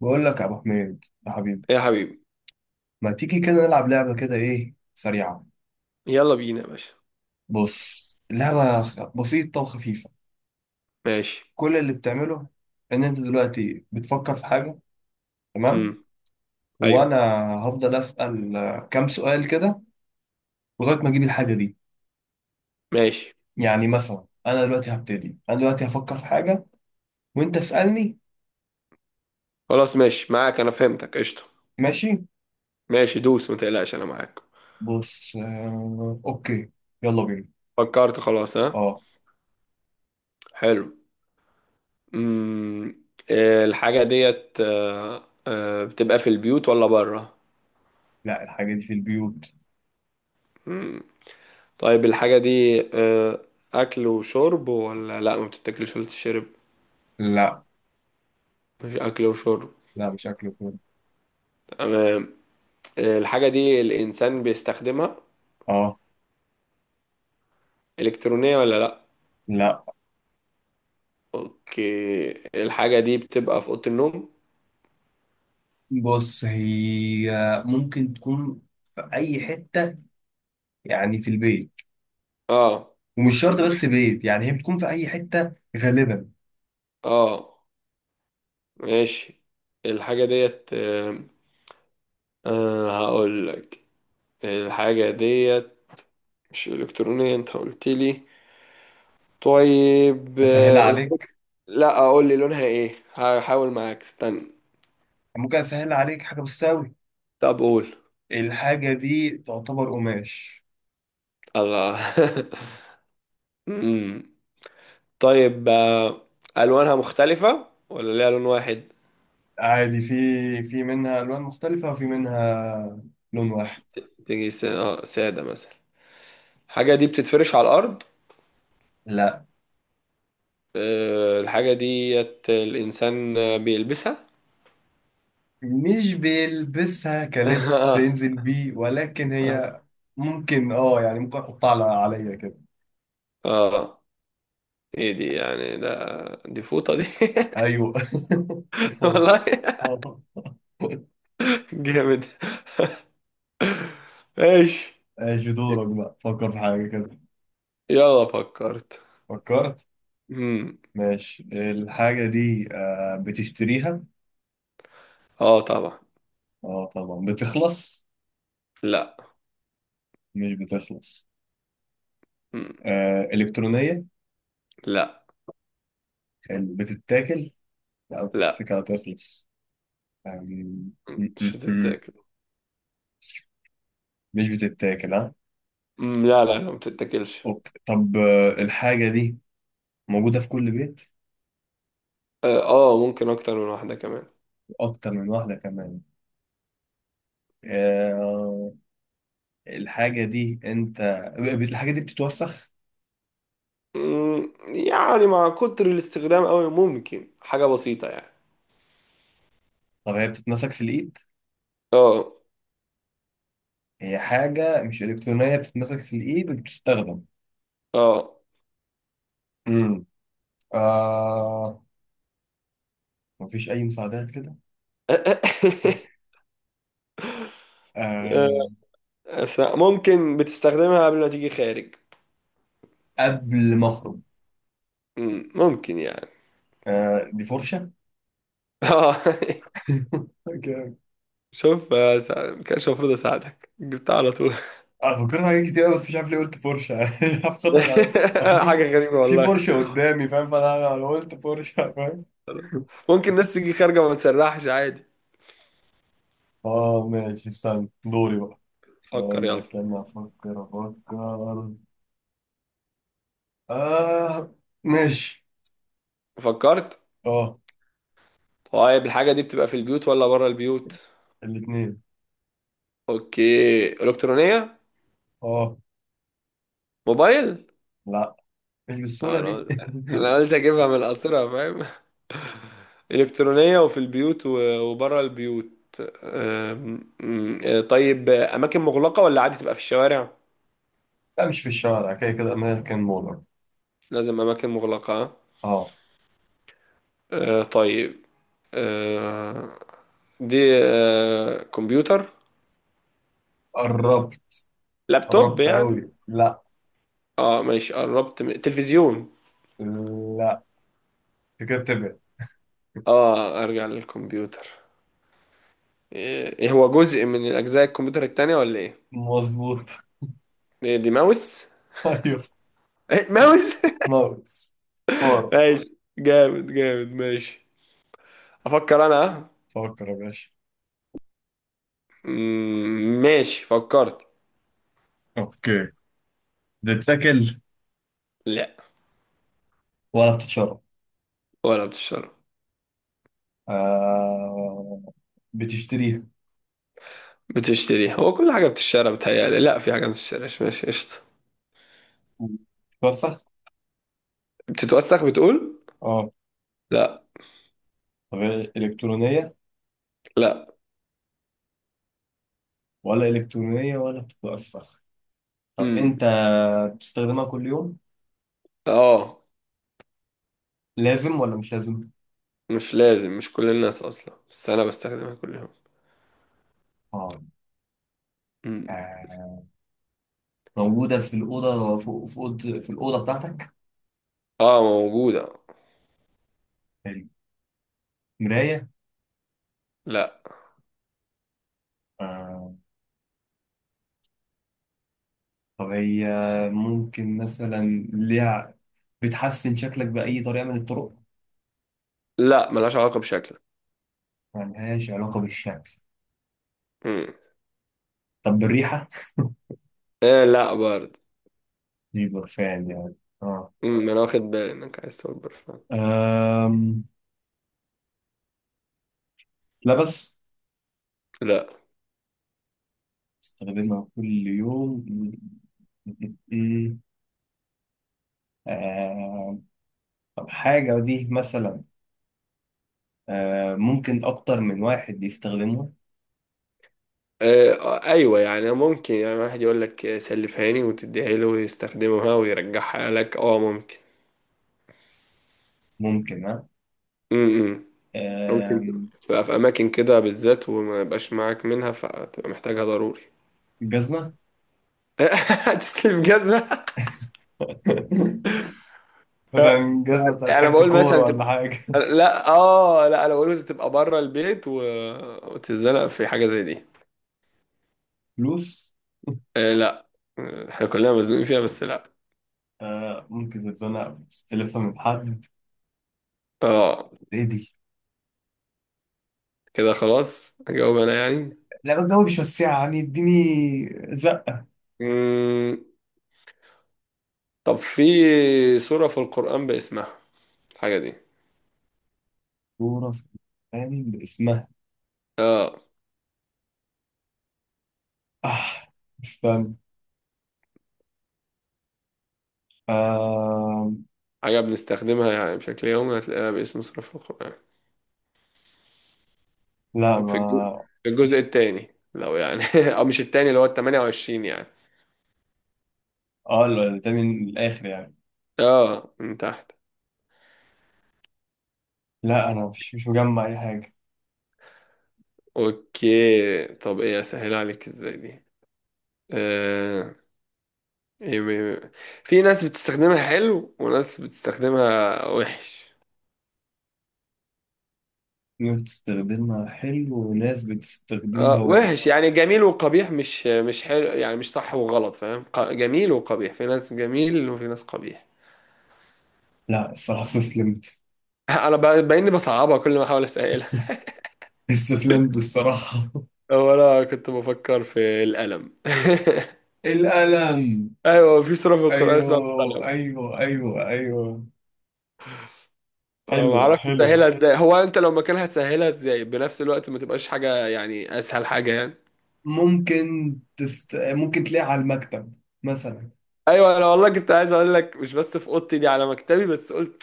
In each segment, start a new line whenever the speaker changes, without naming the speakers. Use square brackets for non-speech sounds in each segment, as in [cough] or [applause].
بقول لك يا ابو حميد يا حبيبي،
إيه يا حبيبي.
ما تيجي كده نلعب لعبه كده ايه سريعه.
يلا بينا يا باشا.
بص اللعبه بسيطه وخفيفه.
ماشي.
كل اللي بتعمله ان انت دلوقتي بتفكر في حاجه،
امم.
تمام؟
ايوه.
وانا هفضل اسال كام سؤال كده لغايه ما اجيب الحاجه دي.
ماشي،
يعني مثلا انا دلوقتي هبتدي، انا دلوقتي هفكر في حاجه وانت اسالني.
خلاص، ماشي معاك، انا فهمتك قشطه.
ماشي.
ماشي، دوس ما تقلقش، انا معاك.
بص، آه، اوكي. يلا بينا.
فكرت خلاص، ها.
اه.
حلو. امم. الحاجه ديت بتبقى في البيوت ولا بره؟
لا، الحاجه دي في البيوت.
امم. طيب، الحاجه دي اكل وشرب ولا لا ما بتتاكلش ولا تشرب؟
لا،
مش اكل وشرب.
لا مش اكل وكده.
تمام. الحاجه دي الانسان بيستخدمها،
اه.
الكترونيه ولا لا؟
لا،
اوكي. الحاجة دي بتبقى في أوضة النوم؟
بص هي ممكن تكون في أي حتة، يعني في البيت.
اه.
ومش
في
شرط
البيت.
بس بيت، يعني هي بتكون في أي حتة غالبا.
اه. ماشي. الحاجة ديت هقول لك. الحاجة ديت مش إلكترونية، انت قلت لي. طيب،
أسهلها
الحاجة.
عليك،
لا، اقول لي لونها ايه، هحاول معاك، استنى.
ممكن أسهلها عليك حاجة بسيطة أوي.
طب قول.
الحاجة دي تعتبر قماش.
الله. [laughs] أمم. طيب، ألوانها مختلفة ولا ليها لون واحد؟
عادي، في في منها ألوان مختلفة وفي منها لون واحد.
تيجي سادة مثلا؟ الحاجة دي بتتفرش على الأرض؟
لا،
الحاجة ديت الإنسان بيلبسها؟
مش بيلبسها
[laughs]
كلبس
اه.
ينزل بيه، ولكن
اه.
هي ممكن، اه يعني ممكن أحطها على عليا كده.
آه. ايه دي؟ يعني دي فوطة دي؟
أيوه. [laughs]
[laughs]
الفوط.
والله.
آه.
جامد. ايش.
ماشي، دورك بقى، فكر في حاجة كده.
يلا فكرت.
فكرت.
امم.
ماشي، الحاجة دي آه بتشتريها.
اه طبعا.
اه طبعا بتخلص.
لا.
مش بتخلص.
مم.
آه إلكترونية.
لا،
حلو. بتتاكل. لا
لا.
بتتاكل هتخلص يعني. م-
مم. مش
م- م.
هتتاكل.
مش بتتاكل ها.
مم. لا، لا، لا، ما بتتاكلش.
أوكي. طب آه الحاجة دي موجودة في كل بيت.
اه، ممكن اكتر من واحدة كمان.
أكتر من واحدة كمان. آه الحاجة دي أنت، الحاجة دي بتتوسخ.
مم. يعني مع كتر الاستخدام قوي ممكن حاجة بسيطة يعني.
طب هي بتتمسك في الإيد.
اه.
هي حاجة مش إلكترونية بتتمسك في الإيد وبتستخدم.
اه.
امم آه مفيش أي مساعدات كده.
[laughs] آه،
آه
ممكن بتستخدمها قبل ما تيجي خارج؟
قبل ما أخرج.
ممكن يعني.
آه دي فرشة.
[laughs] اه.
[laughs] أوكي.
شوف، كانش المفروض اساعدك، جبتها على طول.
أنا فكرت في حاجات كتير أوي بس مش عارف ليه قلت فرشة. [laughs] مش عارف، خطر أصل
[laughs]
في
حاجة غريبة
في
والله.
فرشة قدامي فاهم، فأنا قلت فرشة فاهم. [laughs]
ممكن الناس تيجي خارجة وما تسرحش عادي.
آه ماشي، استنى دوري بقى.
فكر
أقول
يلا.
لك أنا أفكر أفكر. آه. ماشي.
فكرت.
آه
طيب، الحاجة دي بتبقى في البيوت ولا بره البيوت؟
الاتنين.
اوكي، الكترونية؟
آه.
موبايل؟
لا مش
آه،
بالسهولة
انا
دي.
قلت
[laughs]
انا قلت اجيبها من القصيرة، فاهم؟ [laughs] الكترونية، وفي البيوت و- وبره البيوت. أم، أم، آه، طيب، اماكن مغلقة ولا عادي تبقى في الشوارع؟
لا مش في الشارع، كده كده أمريكان مولر.
لازم اماكن مغلقة.
اه
طيب. آه دي. كمبيوتر؟
قربت.
لابتوب
قربت
يعني؟
أوي لا.
اه، ماشي، قربت من تلفزيون؟
لا أنت كده بتبعد.
اه، ارجع للكمبيوتر. ايه إيه، هو جزء من الاجزاء الكمبيوتر التانية ولا ايه؟
مظبوط.
ايه دي؟ ماوس؟
[laughs] أيوه
إيه، ماوس.
ماوس.
[laughs]
فار.
ماشي، جامد جامد، ماشي. افكر انا، ها؟
فكر يا باشا.
ماشي فكرت.
اوكي. بتتاكل
لا.
ولا بتتشرب؟
ولا بتشتري.
آه بتشتريها.
بتشتري، هو كل حاجة بتشتري، بتهيألي لا، في حاجة ما بتشتريش، ماشي قشطة.
بتتوسخ.
بتتوسخ بتقول.
اه
لا.
طب هي إلكترونية
لا.
ولا إلكترونية ولا بتتوسخ؟ طب أنت
امم.
بتستخدمها كل يوم؟
اه،
لازم ولا مش لازم؟
مش لازم، مش كل الناس اصلا، بس انا بستخدمها كل يوم. مم.
اه موجودة في الأوضة، فوق في أوضة، في الأوضة بتاعتك.
اه موجودة.
حلو. مراية.
لا.
آه. طب هي ممكن مثلا ليها، بتحسن شكلك بأي طريقة من الطرق؟
لا، ملهاش علاقة بشكلك.
ملهاش علاقة بالشكل.
مم.
طب بالريحة؟
آه، لا برضه.
دي برفان يعني. اه.
مم. ما انا واخد بالي انك عايز تقول برفان.
أم... لبس.
لا.
استخدمها كل يوم. آه. طب حاجة دي مثلا آه ممكن أكتر من واحد يستخدمها.
ايوه، يعني ممكن، يعني واحد يقول لك سلفها لي وتديها له ويستخدمها ويرجعها لك، اه، ممكن.
ممكن ها.
مم. ممكن
آم،
تبقى في اماكن كده بالذات وما يبقاش معاك منها فتبقى محتاجها ضروري.
جزمة.
[laughs] هتسلف جزمة؟
[laughs]
ف
مثلا جزمة بتاعت
يعني انا
حجز
بقول
كورة
مثلا
ولا
تبقى.
حاجة.
لا، اه، لا، انا بقول مثلا تبقى بره البيت و. وتتزنق في حاجه زي دي.
فلوس.
آه، لا. احنا كلنا مزنوقين فيها، بس لا.
آه ممكن تتزنق تلفها من حد.
اه.
ايه دي؟
كده خلاص اجاوب انا يعني.
لا الجو مش وسعة يعني، اديني زقة.
مم. طب، في سوره في القران باسمها الحاجه دي؟
كورة في يعني باسمها.
اه.
آه استنى. آه.
حاجه بنستخدمها يعني بشكل يومي، هتلاقيها باسم سوره في القران.
لا
طب، في الجزء,
ما،
في الجزء
مش،
التاني لو يعني [laughs] او مش التاني، اللي هو ال 28 يعني.
اه ده من الآخر يعني.
اه، من تحت.
لا أنا مش مجمع أي حاجة.
اوكي، طب ايه اسهل عليك ازاي دي. آه... إيه. في ناس بتستخدمها حلو وناس بتستخدمها وحش.
ناس بتستخدمها حلو وناس بتستخدمها
وحش
وحش.
يعني جميل وقبيح، مش حلو يعني مش صح وغلط، فاهم؟ جميل وقبيح، في ناس جميل وفي ناس قبيح.
لا الصراحة استسلمت.
[laughs] انا باين لي بصعبها كل ما احاول اسالها.
[laughs] استسلمت الصراحة.
[laughs] هو انا كنت بفكر في القلم.
القلم.
[laughs] ايوه، في سورة في القرآن اسمها
ايوه
القلم.
ايوه ايوه ايوه، حلوه
معرفش
حلوه.
تسهلها ازاي، هو انت لو مكانها هتسهلها ازاي بنفس الوقت ما تبقاش حاجة يعني، اسهل حاجة يعني.
ممكن تست... ممكن تلاقيها على المكتب مثلا.
ايوه، انا والله كنت عايز اقول لك مش بس في اوضتي دي، على مكتبي، بس قلت.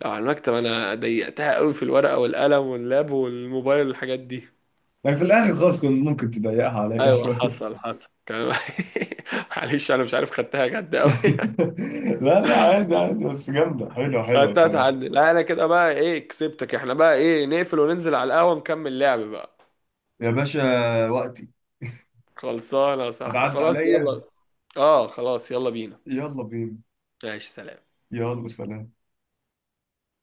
لو على المكتب انا ضيقتها قوي في الورقه والقلم واللاب والموبايل والحاجات دي.
لكن في الاخر خالص كنت ممكن تضيقها عليا
ايوه،
شويه.
حصل حصل [laughs] معلش، انا مش عارف خدتها جد قوي. [laughs]
[laughs] لا لا، عادي عادي، بس جامده، حلوه حلوه
خدتها
الصراحه.
تعدي، لا انا كده بقى ايه كسبتك، احنا بقى ايه، نقفل وننزل على القهوه نكمل لعب بقى.
يا باشا، وقتي
خلصانه يا صاحبي،
هتعدي
خلاص
عليا.
يلا. اه خلاص يلا بينا.
يلا بينا.
ماشي، سلام.
يلا سلام.